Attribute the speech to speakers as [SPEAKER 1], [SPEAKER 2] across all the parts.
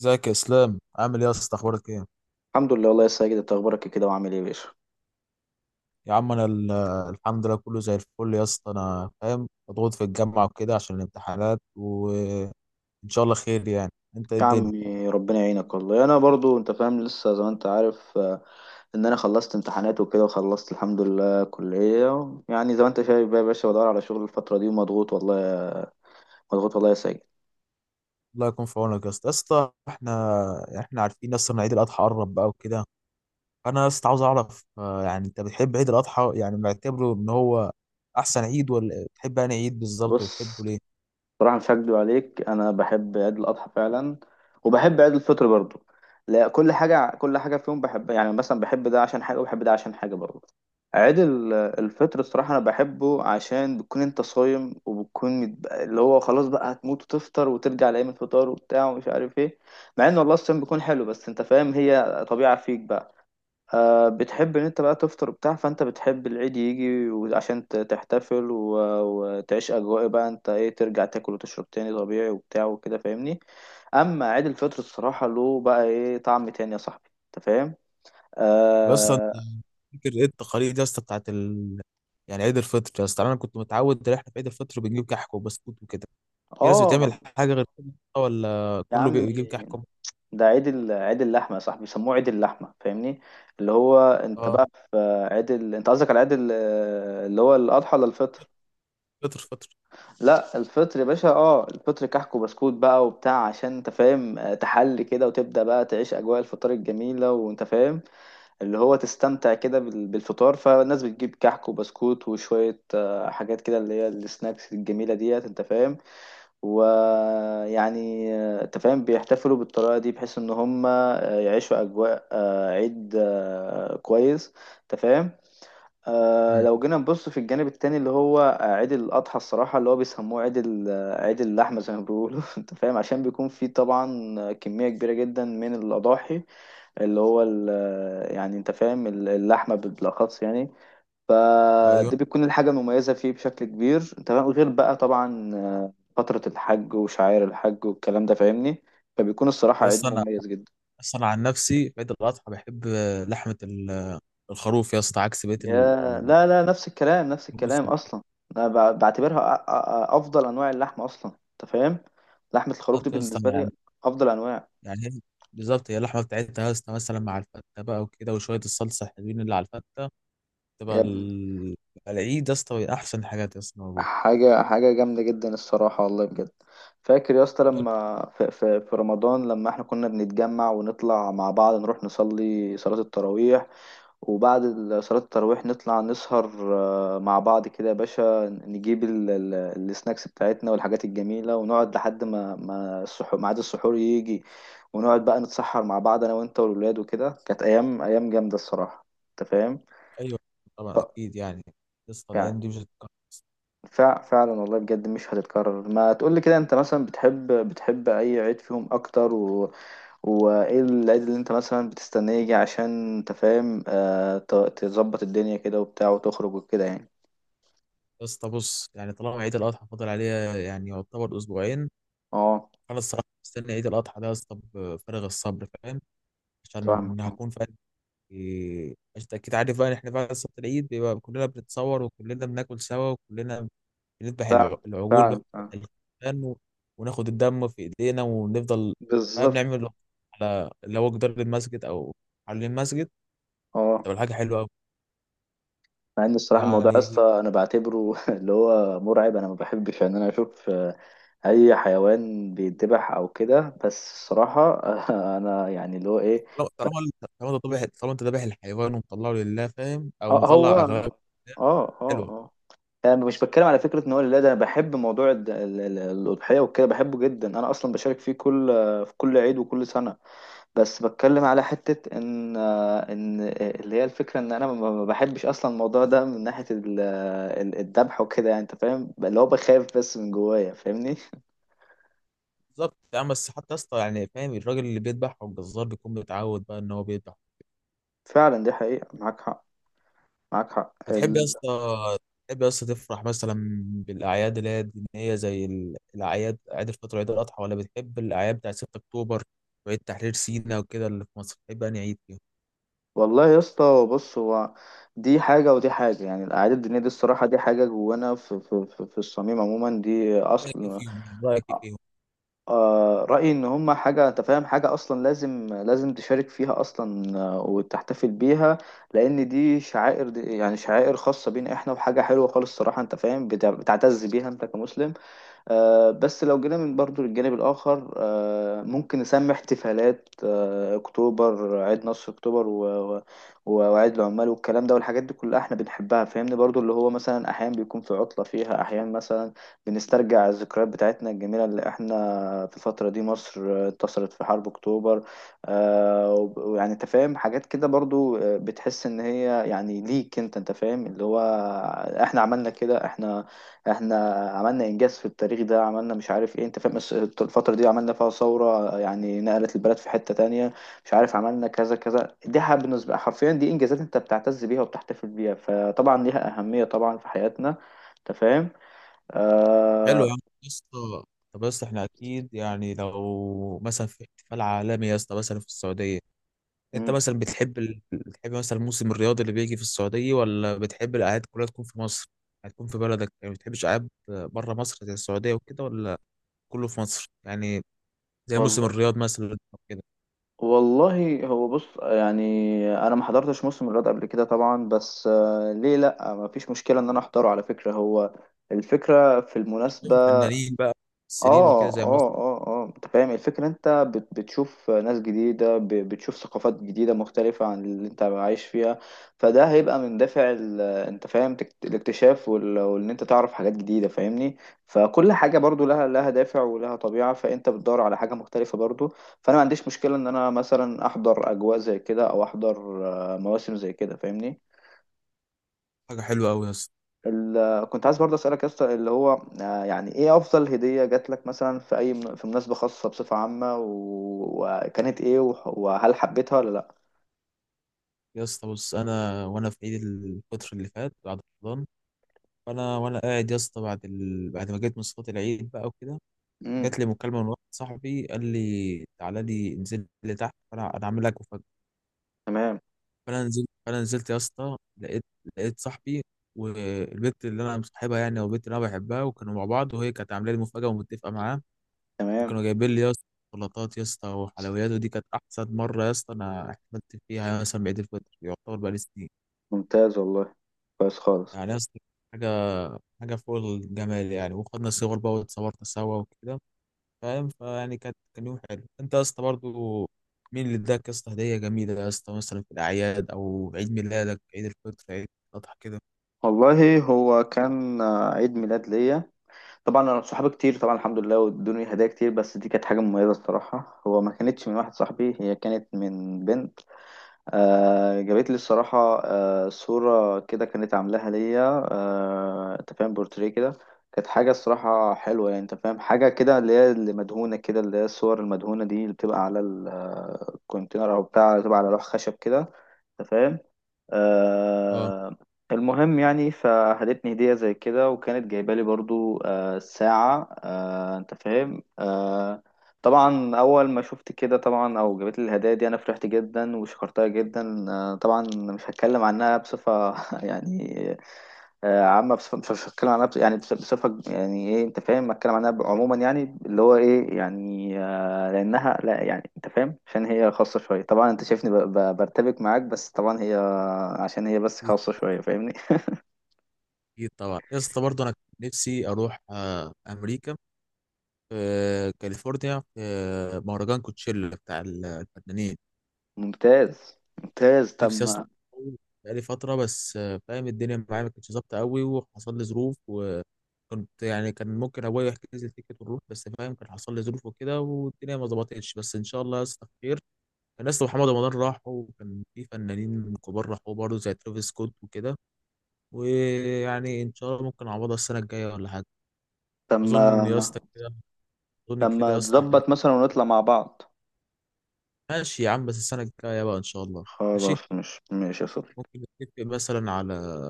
[SPEAKER 1] ازيك يا اسلام؟ عامل ايه يا اسطى؟ اخبارك ايه؟
[SPEAKER 2] الحمد لله، والله يا ساجد، انت اخبارك إيه كده وعامل ايه يا باشا؟
[SPEAKER 1] يا عم الحمد لله، كله زي الفل يا اسطى. انا فاهم، مضغوط في الجامعه وكده عشان الامتحانات، وان شاء الله خير يعني. انت ايه
[SPEAKER 2] يا
[SPEAKER 1] الدنيا؟
[SPEAKER 2] عمي ربنا يعينك، والله انا برضو انت فاهم، لسه زي ما انت عارف، ان انا خلصت امتحانات وكده، وخلصت الحمد لله كلية. يعني زي ما انت شايف بقى يا باشا، بدور على شغل الفترة دي ومضغوط، مضغوط والله يا ساجد.
[SPEAKER 1] الله يكون في عونك يا اسطى. يا اسطى احنا عارفين يا اسطى ان عيد الاضحى قرب بقى وكده. انا يا اسطى عاوز اعرف، يعني انت بتحب عيد الاضحى؟ يعني معتبره ان هو احسن عيد ولا بتحب انا عيد بالظبط؟
[SPEAKER 2] بص،
[SPEAKER 1] وبتحبه ليه؟
[SPEAKER 2] صراحة مش هكدب عليك، أنا بحب عيد الأضحى فعلا، وبحب عيد الفطر برضو. لا، كل حاجة كل حاجة فيهم بحبها. يعني مثلا بحب ده عشان حاجة وبحب ده عشان حاجة برضو. الفطر الصراحة أنا بحبه، عشان بتكون أنت صايم وبتكون اللي هو خلاص بقى هتموت وتفطر، وترجع لأيام الفطار وبتاع ومش عارف إيه. مع إن والله الصيام بيكون حلو، بس أنت فاهم هي طبيعة فيك بقى. بتحب ان انت بقى تفطر وبتاع، فانت بتحب العيد يجي عشان تحتفل وتعيش اجواء بقى، انت ايه، ترجع تاكل وتشرب تاني طبيعي وبتاع وكده، فاهمني. اما عيد الفطر الصراحة له بقى ايه طعم تاني يا صاحبي، انت فاهم.
[SPEAKER 1] بس أنا
[SPEAKER 2] اه.
[SPEAKER 1] فاكر ايه التقاليد يا اسطى يعني عيد الفطر. يا اسطى انا كنت متعود ان احنا في عيد الفطر بنجيب كحك وبسكوت وكده. في ناس بتعمل
[SPEAKER 2] آه،
[SPEAKER 1] حاجه غير كده؟ ولا
[SPEAKER 2] يا
[SPEAKER 1] كله
[SPEAKER 2] عم،
[SPEAKER 1] بيجيب كحك
[SPEAKER 2] ده عيد اللحمة يا صاحبي، بيسموه عيد اللحمة، فاهمني. اللي هو انت
[SPEAKER 1] اه؟
[SPEAKER 2] بقى انت قصدك على اللي هو الاضحى ولا الفطر؟
[SPEAKER 1] فطر، فطر.
[SPEAKER 2] لا الفطر يا باشا. اه، الفطر كحك وبسكوت بقى وبتاع، عشان انت فاهم، تحلي كده وتبدأ بقى تعيش أجواء الفطار الجميلة، وانت فاهم اللي هو تستمتع كده بالفطار. فالناس بتجيب كحك وبسكوت، وشوية حاجات كده اللي هي السناكس الجميلة ديت، انت فاهم. ويعني انت فاهم بيحتفلوا بالطريقة دي، بحيث ان هم يعيشوا أجواء عيد كويس، انت فاهم.
[SPEAKER 1] مم.
[SPEAKER 2] لو جينا نبص في الجانب التاني، اللي هو عيد الأضحى الصراحة، اللي هو بيسموه عيد ال- آه، عيد اللحمة زي ما بيقولوا أنت فاهم، عشان بيكون فيه طبعا كمية كبيرة جدا من الأضاحي. اللي هو ال- آه، يعني أنت فاهم اللحمة بالأخص يعني.
[SPEAKER 1] ايوه.
[SPEAKER 2] فده بيكون الحاجة المميزة فيه بشكل كبير، أنت فاهم. غير بقى طبعا فترة الحج وشعائر الحج والكلام ده، فاهمني. فبيكون الصراحة
[SPEAKER 1] يا
[SPEAKER 2] عيد
[SPEAKER 1] اسطى انا
[SPEAKER 2] مميز جدا.
[SPEAKER 1] اصلا عن نفسي في عيد الاضحى بحب لحمه الخروف يا اسطى، عكس بقيه
[SPEAKER 2] يا لا، لا، نفس الكلام نفس
[SPEAKER 1] الناموس.
[SPEAKER 2] الكلام اصلا. انا ب- بعتبرها أ- أ- افضل انواع اللحمه اصلا، انت فاهم. لحمه الخروف دي
[SPEAKER 1] بالظبط يا اسطى
[SPEAKER 2] بالنسبه لي
[SPEAKER 1] يعني.
[SPEAKER 2] افضل انواع.
[SPEAKER 1] يعني هي- بالظبط، هي اللحمه بتاعتها يا اسطى مثلا مع الفته بقى وكده، وشويه الصلصه الحلوين اللي على الفته، تبقى
[SPEAKER 2] يا ابني،
[SPEAKER 1] العيد يا اسطى احسن حاجات يا اسطى موجوده.
[SPEAKER 2] حاجه حاجه جامده جدا الصراحه، والله بجد. فاكر يا اسطى لما في رمضان، لما احنا كنا بنتجمع ونطلع مع بعض نروح نصلي صلاه التراويح، وبعد صلاة التراويح نطلع نسهر مع بعض كده يا باشا، نجيب السناكس بتاعتنا والحاجات الجميلة، ونقعد لحد ما السحور ميعاد السحور يجي، ونقعد بقى نتسحر مع بعض، أنا وأنت والولاد وكده. كانت أيام أيام جامدة الصراحة، أنت فاهم؟
[SPEAKER 1] ايوه. طبعا
[SPEAKER 2] ف...
[SPEAKER 1] اكيد يعني يا اسطى،
[SPEAKER 2] يعني
[SPEAKER 1] الايام دي مش هتتكرر.
[SPEAKER 2] فعلا والله بجد، مش هتتكرر. ما تقولي كده، أنت مثلا بتحب أي عيد فيهم أكتر؟ وايه العيد اللي انت مثلا بتستناه يجي، عشان انت فاهم تظبط الدنيا كده وبتاع وتخرج وكده يعني.
[SPEAKER 1] يا اسطى بص، يعني طالما عيد الاضحى فاضل عليها يعني يعتبر اسبوعين،
[SPEAKER 2] اه،
[SPEAKER 1] فانا الصراحه مستني عيد الاضحى ده يا اسطى بفارغ الصبر، فاهم؟
[SPEAKER 2] فاهمك
[SPEAKER 1] عشان
[SPEAKER 2] آه.
[SPEAKER 1] هكون فاهم. يعني انت اكيد عارف بقى ان احنا بعد صلاه العيد بيبقى كلنا بنتصور، وكلنا بناكل سوا، وكلنا بنذبح
[SPEAKER 2] فعلا،
[SPEAKER 1] العجول بقى،
[SPEAKER 2] فعلا، فعلا،
[SPEAKER 1] بنذبح الخرفان، وناخد الدم في ايدينا ونفضل فاهم
[SPEAKER 2] بالظبط،
[SPEAKER 1] نعمل على لو جدار المسجد او على المسجد،
[SPEAKER 2] اه.
[SPEAKER 1] تبقى حاجه حلوه قوي
[SPEAKER 2] مع ان الصراحه الموضوع يا
[SPEAKER 1] يعني.
[SPEAKER 2] اسطى انا بعتبره اللي هو مرعب، انا ما بحبش ان انا اشوف اي حيوان بيتذبح او كده، بس الصراحه انا يعني اللي هو ايه.
[SPEAKER 1] طالما انت ذابح الحيوان ومطلعه لله، فاهم؟ او
[SPEAKER 2] اه، هو،
[SPEAKER 1] مطلع اغلبه
[SPEAKER 2] اه،
[SPEAKER 1] لله،
[SPEAKER 2] اه،
[SPEAKER 1] حلوه.
[SPEAKER 2] اه. انا مش بتكلم على فكره ان هو، لا، ده انا بحب موضوع الاضحيه وكده، بحبه جدا. انا اصلا بشارك فيه في كل عيد وكل سنه. بس بتكلم على حتة ان اللي هي الفكرة ان انا ما بحبش اصلا الموضوع ده، من ناحية الذبح وكده يعني، انت فاهم، اللي هو بخاف بس من جوايا، فاهمني
[SPEAKER 1] بالظبط يا عم، بس حتى يا اسطى يعني فاهم، الراجل اللي بيذبح او الجزار بيكون متعود بقى ان هو بيذبح.
[SPEAKER 2] فعلا، دي حقيقة، معاك حق، معاك حق.
[SPEAKER 1] بتحب يا اسطى، بتحب يا اسطى تفرح مثلا بالاعياد اللي هي الدينيه زي الاعياد، عيد الفطر وعيد الاضحى، ولا بتحب الاعياد بتاع 6 اكتوبر وعيد تحرير سيناء وكده اللي في مصر؟ بتحب انهي عيد فيهم؟
[SPEAKER 2] والله يا اسطى، بص هو، دي حاجة ودي حاجة. يعني الأعياد الدينية دي الصراحة دي حاجة جوانا في الصميم عموما، دي
[SPEAKER 1] رايك ايه
[SPEAKER 2] أصل.
[SPEAKER 1] فيهم يعني؟ رايك ايه فيهم؟
[SPEAKER 2] رأيي إن هما حاجة، أنت فاهم، حاجة أصلا لازم لازم تشارك فيها أصلا، وتحتفل بيها، لأن دي شعائر، دي يعني شعائر خاصة بينا إحنا، وحاجة حلوة خالص الصراحة، أنت فاهم، بتعتز بيها أنت كمسلم. بس لو جينا من برضو للجانب الآخر، ممكن نسمي احتفالات أكتوبر، عيد نصر أكتوبر وعيد العمال والكلام ده والحاجات دي كلها احنا بنحبها، فاهمني. برضو اللي هو مثلا أحيانا بيكون في عطلة فيها، أحيانا مثلا بنسترجع الذكريات بتاعتنا الجميلة، اللي احنا في الفترة دي مصر انتصرت في حرب أكتوبر، ويعني أنت فاهم، حاجات كده برضو بتحس إن هي يعني ليك أنت فاهم اللي هو احنا عملنا كده، احنا عملنا انجاز في التاريخ ده، عملنا مش عارف ايه، انت فاهم. بس الفتره دي عملنا فيها ثوره، يعني نقلت البلد في حته تانية، مش عارف عملنا كذا كذا. دي بالنسبه حرفيا دي انجازات، انت بتعتز بيها وبتحتفل بيها، فطبعا ليها اهميه طبعا في حياتنا، انت فاهم.
[SPEAKER 1] حلو يا
[SPEAKER 2] آه...
[SPEAKER 1] عم يا اسطى. طب يا اسطى احنا اكيد يعني، لو مثلا في احتفال عالمي يا اسطى مثلا في السعوديه، انت
[SPEAKER 2] مم.
[SPEAKER 1] مثلا بتحب مثلا الموسم الرياضي اللي بيجي في السعوديه، ولا بتحب الاعياد كلها تكون في مصر؟ هتكون في بلدك يعني، ما بتحبش اعياد بره مصر زي السعوديه وكده، ولا كله في مصر يعني، زي موسم
[SPEAKER 2] والله،
[SPEAKER 1] الرياض مثلا أو كده؟
[SPEAKER 2] والله هو بص يعني، انا ما حضرتش موسم الرياض قبل كده طبعا، بس ليه لا، ما فيش مشكله ان انا احضره، على فكره، هو الفكرة في المناسبة.
[SPEAKER 1] الفنانين بقى، ممثلين
[SPEAKER 2] اه،
[SPEAKER 1] وكده زي مصر.
[SPEAKER 2] اه، اه، اه، انت فاهم الفكرة. انت بتشوف ناس جديدة، بتشوف ثقافات جديدة مختلفة عن اللي انت عايش فيها. فده هيبقى من دافع انت فاهم الاكتشاف وان انت تعرف حاجات جديدة، فاهمني. فكل حاجة برضو لها دافع ولها طبيعة، فانت بتدور على حاجة مختلفة برضو. فانا ما عنديش مشكلة ان انا مثلا احضر اجواء زي كده، او احضر مواسم زي كده، فاهمني.
[SPEAKER 1] حاجه حلوه قوي يا اسطى.
[SPEAKER 2] كنت عايز برضه اسالك يا اسطى اللي هو يعني ايه افضل هديه جات لك مثلا في اي في مناسبه خاصه بصفه عامه، وكانت ايه، وهل حبيتها ولا لا؟
[SPEAKER 1] يا اسطى بص، انا وانا في عيد الفطر اللي فات بعد رمضان، فانا وانا قاعد يا اسطى بعد ما جيت من صلاه العيد بقى وكده،
[SPEAKER 2] امم
[SPEAKER 1] جات لي مكالمه من واحد صاحبي قال لي تعالى لي، انزل لي تحت، فانا عامل لك مفاجاه.
[SPEAKER 2] تمام،
[SPEAKER 1] فانا نزلت يا اسطى، لقيت صاحبي والبنت اللي انا مصاحبها يعني، او البنت اللي انا بحبها، وكانوا مع بعض، وهي كانت عامله لي مفاجاه ومتفقه معاه.
[SPEAKER 2] تمام،
[SPEAKER 1] وكانوا جايبين لي يا اسطى شوكولاتات يا اسطى وحلويات، ودي كانت احسن مره يا اسطى انا احتفلت فيها يعني مثلا بعيد الفطر، يعتبر بقالي سنين
[SPEAKER 2] ممتاز والله، كويس خالص.
[SPEAKER 1] يعني يا اسطى. حاجه حاجه فوق الجمال يعني، وخدنا صور بقى واتصورنا سوا وكده، فاهم؟ فيعني كانت، كان يوم حلو. انت يا اسطى برضه، مين اللي اداك يا اسطى هديه جميله يا اسطى مثلا في الاعياد، او عيد ميلادك، عيد الفطر، عيد الاضحى كده؟
[SPEAKER 2] والله هو كان عيد ميلاد ليا، طبعا انا صحابي كتير طبعا الحمد لله، وادوني هدايا كتير. بس دي كانت حاجه مميزه الصراحه، هو ما كانتش من واحد صاحبي، هي كانت من بنت. جابت لي الصراحة صورة كده كانت عاملاها ليا، انت فاهم بورتريه كده. كانت حاجة الصراحة حلوة يعني، انت فاهم، حاجة كده اللي هي اللي مدهونة كده، اللي هي الصور المدهونة دي اللي بتبقى على الكونتينر او بتاع، بتبقى على لوح خشب كده، انت فاهم.
[SPEAKER 1] اه،
[SPEAKER 2] آه، المهم يعني فهدتني هدية زي كده، وكانت جايبة لي برضو ساعة، انت فاهم. طبعا اول ما شفت كده طبعا او جابت لي الهدايا دي، انا فرحت جدا وشكرتها جدا. طبعا مش هتكلم عنها بصفه يعني عامه. بصفه مش هتكلم عنها بصفه يعني ايه، انت فاهم، هتكلم عنها عموما، يعني اللي هو ايه يعني لانها لا، يعني انت فاهم، عشان هي خاصه شويه طبعا، انت شايفني برتبك معاك، بس طبعا هي عشان هي بس
[SPEAKER 1] اكيد.
[SPEAKER 2] خاصه شويه، فاهمني.
[SPEAKER 1] أكيد طبعا يا اسطى برضه، انا كان نفسي اروح امريكا، في كاليفورنيا، في مهرجان كوتشيلا بتاع الفنانين.
[SPEAKER 2] ممتاز، ممتاز،
[SPEAKER 1] نفسي اصلا
[SPEAKER 2] تم،
[SPEAKER 1] بقالي فتره، بس فاهم، الدنيا معايا ما كانتش ظابطه قوي، وحصل لي ظروف، وكنت يعني، كان ممكن ابويا يحجز لي تيكت ونروح، بس فاهم كان حصل لي ظروف وكده والدنيا ما ظبطتش، بس ان شاء الله يا اسطى خير. كان اسطى محمد رمضان راحوا، وكان في فنانين كبار راحوا برضه زي ترافيس سكوت وكده، ويعني ان شاء الله ممكن اعوضها السنه الجايه ولا حاجه.
[SPEAKER 2] تم،
[SPEAKER 1] اظن يا اسطى كده، اظن كده
[SPEAKER 2] تم،
[SPEAKER 1] يا اسطى احنا
[SPEAKER 2] تظبط مثلا ونطلع مع بعض.
[SPEAKER 1] ماشي يا عم، بس السنه الجايه بقى ان شاء الله. ماشي،
[SPEAKER 2] خلاص، مش ماشي يا صديقي.
[SPEAKER 1] ممكن نتفق مثلا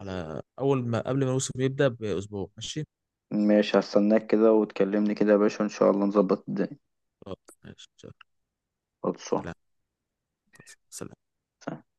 [SPEAKER 1] على أول ما، قبل ما الموسم يبدأ بأسبوع، ماشي؟
[SPEAKER 2] ماشي، هستناك كده وتكلمني كده يا باشا، ان شاء الله نظبط الدنيا.
[SPEAKER 1] خلاص ماشي.
[SPEAKER 2] خلصان.
[SPEAKER 1] سلام. سلام.
[SPEAKER 2] سلام.